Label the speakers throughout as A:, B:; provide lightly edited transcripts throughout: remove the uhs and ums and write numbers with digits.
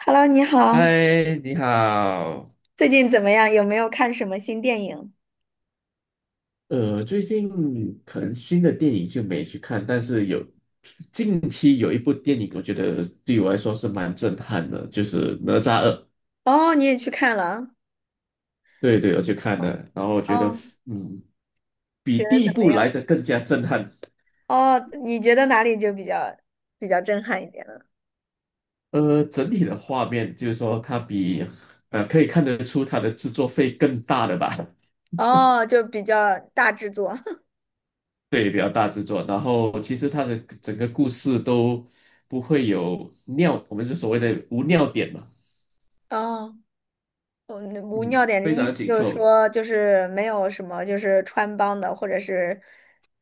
A: Hello，你好，
B: 嗨，你好。
A: 最近怎么样？有没有看什么新电影？
B: 最近可能新的电影就没去看，但是近期有一部电影，我觉得对我来说是蛮震撼的，就是《哪吒二》。
A: 哦，你也去看了
B: 对对，我去看
A: 啊？
B: 了，然后我觉得
A: 哦，
B: 嗯，
A: 觉
B: 比
A: 得
B: 第一
A: 怎么
B: 部
A: 样？
B: 来的更加震撼。
A: 哦，你觉得哪里就比较震撼一点了？
B: 整体的画面就是说，可以看得出它的制作费更大的吧。
A: 哦，就比较大制作。
B: 对，比较大制作。然后其实它的整个故事都不会有尿，我们是所谓的无尿点嘛，
A: 哦，我无
B: 嗯，
A: 尿点的
B: 非
A: 意
B: 常的
A: 思
B: 紧
A: 就是
B: 凑。
A: 说，就是没有什么就是穿帮的或者是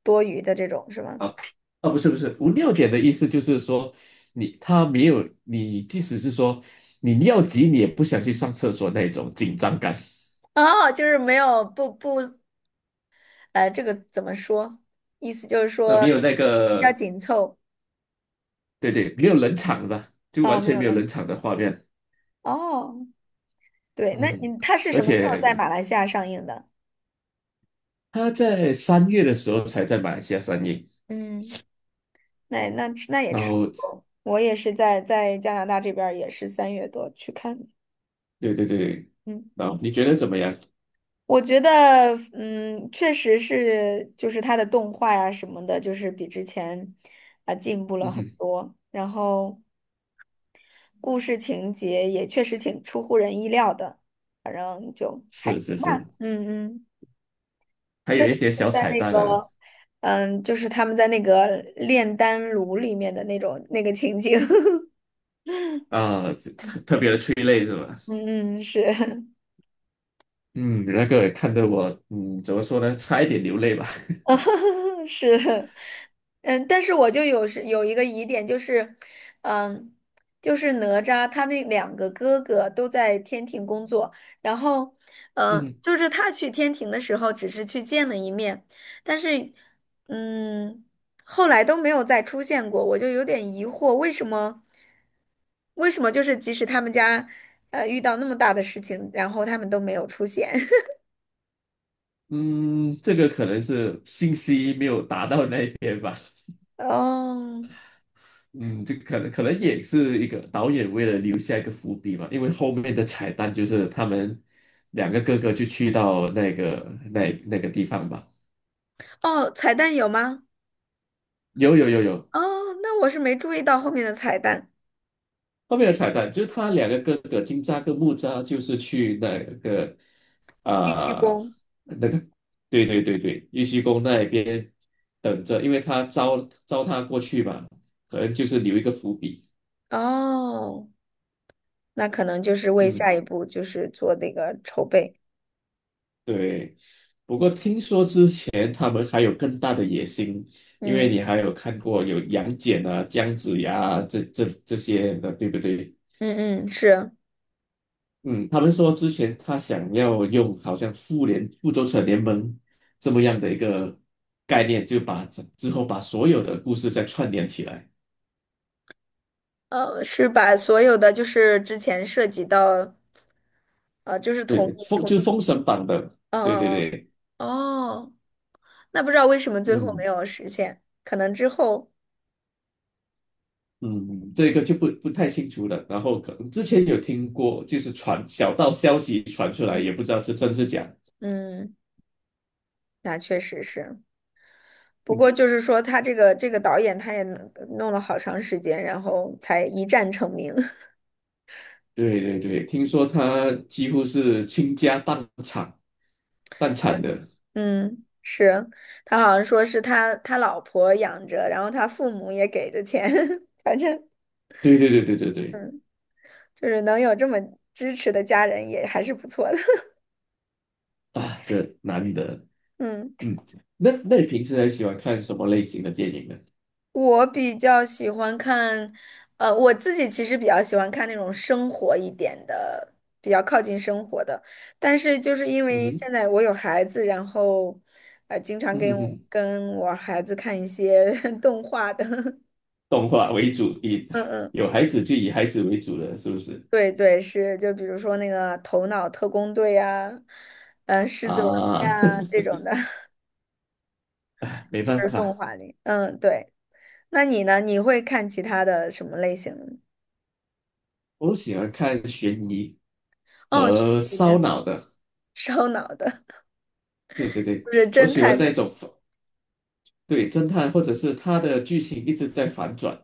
A: 多余的这种，是吗？
B: 啊啊，不是不是，无尿点的意思就是说你它没有你，即使是说你尿急，你也不想去上厕所那种紧张感，
A: 哦，就是没有不不，这个怎么说？意思就是说
B: 没有那
A: 比较
B: 个，
A: 紧凑。
B: 对对，没有冷场吧？就
A: 哦，
B: 完
A: 没
B: 全
A: 有
B: 没有
A: 了。
B: 冷场的画面，
A: 哦，对，那
B: 嗯，
A: 你他是
B: 而
A: 什么时候在
B: 且
A: 马来西亚上映的？
B: 它在三月的时候才在马来西亚上映。
A: 嗯，那也
B: 然
A: 差
B: 后
A: 不多。我也是在加拿大这边，也是三月多去看的。
B: 对对对，
A: 嗯，
B: 然后你觉得怎么样？
A: 我觉得，确实是，就是他的动画呀、什么的，就是比之前进步了
B: 嗯
A: 很
B: 哼，
A: 多。然后故事情节也确实挺出乎人意料的，反正就还
B: 是
A: 行
B: 是
A: 吧。
B: 是，
A: 嗯嗯。
B: 还
A: 特
B: 有一
A: 别
B: 些
A: 是
B: 小
A: 在
B: 彩
A: 那
B: 蛋
A: 个，
B: 呢，
A: 就是他们在那个炼丹炉里面的那种那个情景，
B: 啊，是特别的催泪是吧？
A: 嗯嗯是。
B: 嗯，那个也看得我，嗯，怎么说呢，差一点流泪吧。
A: 啊，是，但是我就有是有一个疑点，就是，嗯，就是哪吒他那两个哥哥都在天庭工作，然后，
B: 嗯
A: 就是他去天庭的时候只是去见了一面，但是，嗯，后来都没有再出现过，我就有点疑惑，为什么就是即使他们家，遇到那么大的事情，然后他们都没有出现？
B: 嗯，这个可能是信息没有达到那边吧。
A: 哦，
B: 嗯，这可能也是一个导演为了留下一个伏笔嘛，因为后面的彩蛋就是他们两个哥哥就去到那个地方吧。
A: 哦，彩蛋有吗？
B: 有有有有，
A: 哦，那我是没注意到后面的彩蛋，
B: 后面的彩蛋就是他两个哥哥金吒跟木吒，就是去
A: 必须
B: 啊、
A: 攻
B: 那个，对对对对，玉虚宫那边等着，因为他招他过去嘛，可能就是留一个伏笔。
A: 哦，那可能就是为下
B: 嗯，
A: 一步就是做那个筹备。
B: 对。不过
A: 嗯
B: 听说之前他们还有更大的野心，因为
A: 嗯
B: 你还有看过有杨戬啊、姜子牙啊这些的，对不对？
A: 嗯嗯，是，
B: 嗯，他们说之前他想要用好像复联、复仇者联盟这么样的一个概念，就之后把所有的故事再串联起来。
A: 是把所有的就是之前涉及到，就是
B: 对
A: 同
B: 对，
A: 一同
B: 就
A: 一
B: 是
A: 个，
B: 封神榜的，
A: 嗯
B: 对对
A: 嗯
B: 对，
A: 嗯，哦，那不知道为什么最后没
B: 嗯
A: 有实现，可能之后，
B: 嗯，这个就不太清楚了。然后可能之前有听过，就是小道消息传出来，
A: 嗯，
B: 也不知道是真是假。
A: 嗯那确实是。不
B: 嗯，
A: 过就是说，他这个导演他也弄了好长时间，然后才一战成名。
B: 对对对，听说他几乎是倾家荡产，荡产的。
A: 嗯，是，他好像说是他老婆养着，然后他父母也给着钱，反正
B: 对对对对对对，
A: 嗯，就是能有这么支持的家人也还是不错的。
B: 啊，这难得。
A: 嗯，
B: 那你平时还喜欢看什么类型的电影呢？
A: 我比较喜欢看，我自己其实比较喜欢看那种生活一点的，比较靠近生活的。但是就是因
B: 嗯
A: 为
B: 哼，
A: 现在我有孩子，然后经常
B: 嗯
A: 跟
B: 哼
A: 我
B: 哼，
A: 跟我孩子看一些 动画的，
B: 动画为主，
A: 嗯嗯。
B: 有孩子就以孩子为主了，是不是？
A: 对对，是，就比如说那个《头脑特工队》呀，《狮子王》
B: 啊，
A: 呀这种 的，
B: 唉没
A: 就
B: 办
A: 是动
B: 法，
A: 画里。嗯，对。那你呢？你会看其他的什么类型的？
B: 我喜欢看悬疑
A: 哦，悬
B: 和
A: 疑
B: 烧
A: 的、
B: 脑的。
A: 烧脑的，
B: 对对对，
A: 就是
B: 我
A: 侦
B: 喜欢
A: 探的
B: 那种对侦探，或者是他的剧情一直在反转。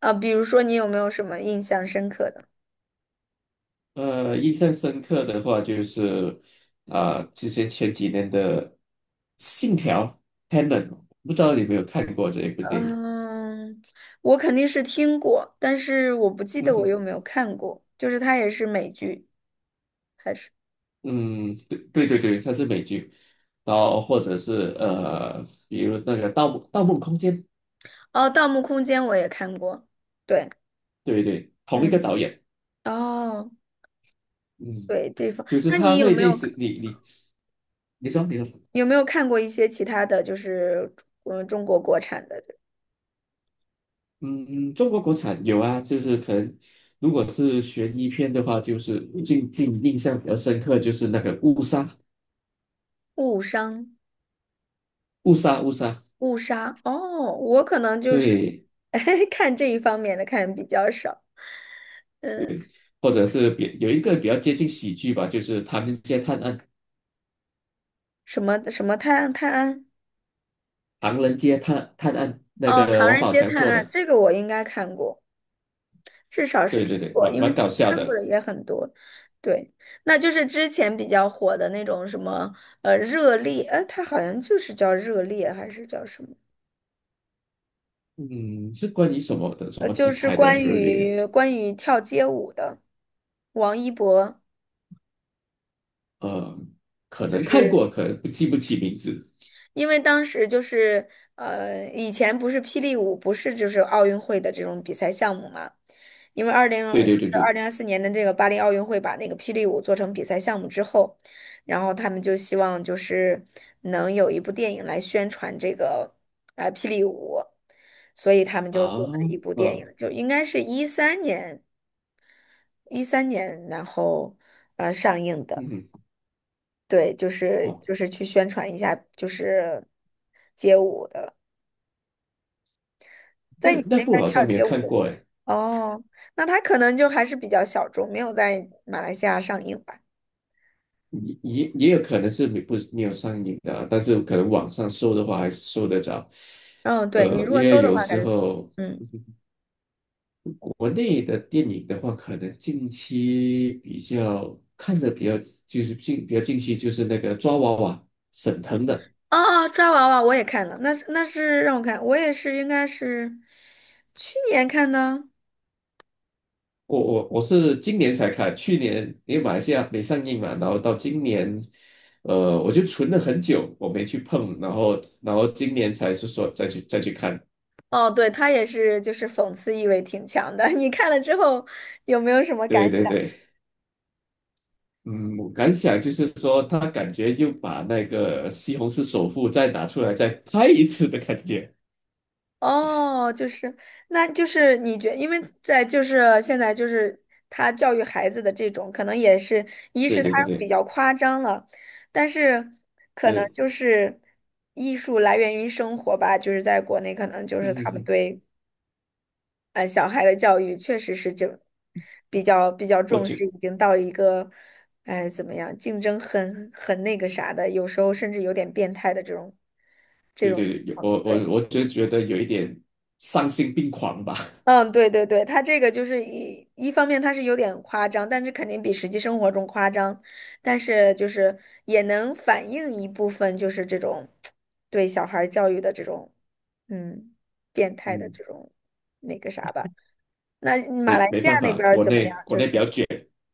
A: 啊。比如说，你有没有什么印象深刻的？
B: 印象深刻的话就是之前前几年的《信条》(Tenet)，不知道你有没有看过这一部电影？
A: 嗯，我肯定是听过，但是我不记
B: 嗯
A: 得我有
B: 哼。
A: 没有看过。就是它也是美剧。
B: 嗯，对对对对，它是美剧，然后或者是比如那个《盗墓盗梦空间》，
A: 哦，《盗墓空间》我也看过。对，
B: 对对，同一个
A: 嗯，
B: 导演，
A: 哦。
B: 嗯，
A: 对，
B: 就是
A: 那
B: 他
A: 你有
B: 会
A: 没
B: 类
A: 有
B: 似你说，
A: 有没有看过一些其他的就是中国国产的
B: 嗯，中国国产有啊，就是可能如果是悬疑片的话，就是最近印象比较深刻就是那个误杀
A: 误伤
B: 误杀误杀，
A: 误杀？哦，我可能就是
B: 对，
A: 看这一方面的看比较少，
B: 或者是有一个比较接近喜剧吧，就是《唐人街探案》，
A: 什么什么探案
B: 《唐人街探案》那
A: 哦，
B: 个
A: 《唐
B: 王
A: 人
B: 宝
A: 街
B: 强
A: 探
B: 做
A: 案》
B: 的。
A: 这个我应该看过，至少是
B: 对
A: 听
B: 对对，
A: 过，
B: 蛮
A: 因
B: 蛮
A: 为
B: 搞笑
A: 看过
B: 的。
A: 的也很多。对，那就是之前比较火的那种什么热烈，它好像就是叫热烈还是叫什么？
B: 嗯，是关于什么的什么
A: 就
B: 题
A: 是
B: 材的
A: 关
B: 热烈？
A: 于关于跳街舞的王一博，
B: 呃，可
A: 就
B: 能看
A: 是
B: 过，可能不起名字。
A: 因为当时就是以前不是霹雳舞不是就是奥运会的这种比赛项目嘛，因为
B: 对
A: 就
B: 对
A: 是
B: 对
A: 二
B: 对，
A: 零二四年的这个巴黎奥运会把那个霹雳舞做成比赛项目之后，然后他们就希望就是能有一部电影来宣传这个霹雳舞，所以他们就
B: 啊，
A: 做了一部电影，
B: 呃，
A: 就应该是一三年。一三年，然后上映的，
B: 嗯，
A: 对，就是
B: 哦，
A: 就是去宣传一下，就是街舞的，
B: 那
A: 在你
B: 那
A: 那
B: 部
A: 边
B: 好像
A: 跳
B: 没有
A: 街舞
B: 看
A: 的
B: 过哎，
A: 哦，那他可能就还是比较小众，没有在马来西亚上映吧？
B: 也有可能是没有上映的啊但是可能网上搜的话还是搜得着。
A: 嗯，对，你如果
B: 因为
A: 搜的
B: 有
A: 话，还
B: 时
A: 是搜的，
B: 候
A: 嗯，
B: 国内的电影的话，可能近期比较看的比较就是比较近期就是那个抓娃娃沈腾的。
A: 哦哦，抓娃娃我也看了，那是让我看，我也是应该是去年看的。
B: 我是今年才看，去年因为马来西亚没上映嘛，然后到今年，我就存了很久，我没去碰，然后今年才是说再去看。
A: 哦，对，他也是，就是讽刺意味挺强的。你看了之后有没有什么感
B: 对对
A: 想？
B: 对，嗯，我感想就是说，他感觉又把那个《西红柿首富》再拿出来再拍一次的感觉。
A: 哦，就是，那就是因为在就是现在就是他教育孩子的这种，可能也是，一
B: 对
A: 是他
B: 对对
A: 比
B: 对
A: 较夸张了，但是可能
B: 对，
A: 就是艺术来源于生活吧，就是在国内可能就是
B: 嗯哼
A: 他们
B: 哼，
A: 对小孩的教育确实是就比较
B: 我
A: 重
B: 觉
A: 视，已经到一个哎怎么样，竞争很那个啥的，有时候甚至有点变态的这种这
B: 对
A: 种情
B: 对，
A: 况，
B: 我我
A: 对。
B: 我就觉得有一点丧心病狂吧。
A: 嗯，对对对，他这个就是一方面他是有点夸张，但是肯定比实际生活中夸张，但是就是也能反映一部分就是这种对小孩儿教育的这种嗯变态的
B: 嗯，
A: 这种那个啥吧。那马
B: 没
A: 来
B: 没
A: 西亚
B: 办
A: 那
B: 法，
A: 边儿
B: 国
A: 怎么
B: 内
A: 样？
B: 国
A: 就
B: 内比较
A: 是
B: 卷，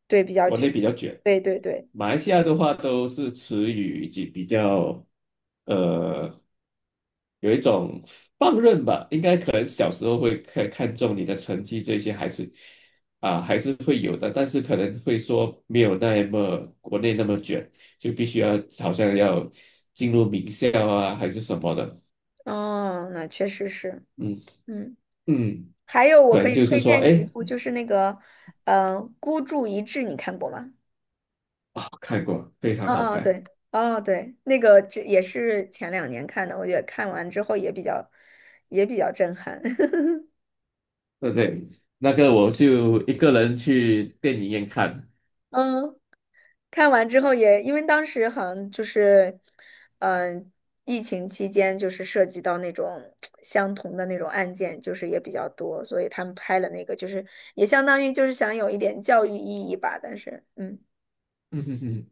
A: 对比较
B: 国内
A: 卷，
B: 比较卷。
A: 对对对，
B: 马来西亚的话都是词语以及比较呃有一种放任吧，应该可能小时候会看重你的成绩这些还是会有的，但是可能会说没有那么国内那么卷，就必须要好像要进入名校啊还是什么的，
A: 哦，那确实是，
B: 嗯
A: 嗯，
B: 嗯，
A: 还有我
B: 可
A: 可
B: 能
A: 以
B: 就是
A: 推
B: 说
A: 荐你一
B: 哎
A: 部，就是那个孤注一掷》，你看过吗？
B: 啊、看过非常
A: 哦
B: 好
A: 哦
B: 看，
A: 对，哦对，那个这也是前两年看的，我觉得看完之后也比较震撼。
B: 对不对，那个我就一个人去电影院看。
A: 嗯，看完之后也，因为当时好像就是，嗯、疫情期间就是涉及到那种相同的那种案件，就是也比较多，所以他们拍了那个，就是也相当于就是想有一点教育意义吧。但是，嗯
B: 嗯哼哼。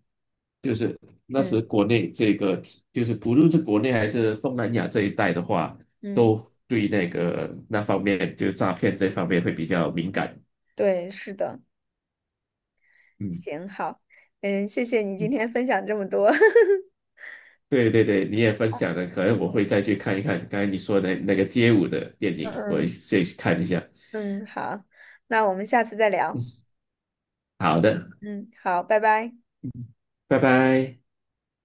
B: 就是那时
A: 嗯
B: 国内这个就是不论是国内还是东南亚这一带的话，
A: 嗯，
B: 都对那个那方面，就诈骗这方面会比较敏感。
A: 对，是的，
B: 嗯，
A: 行，好，谢谢你今天分享这么多，
B: 对对对，你也分享了，可能我会再去看一看刚才你说的那个街舞的电
A: 嗯
B: 影，我也
A: 嗯。
B: 再去看一下。
A: 嗯，好，那我们下次再聊。
B: 好的，
A: 嗯，好，拜拜。
B: 拜拜。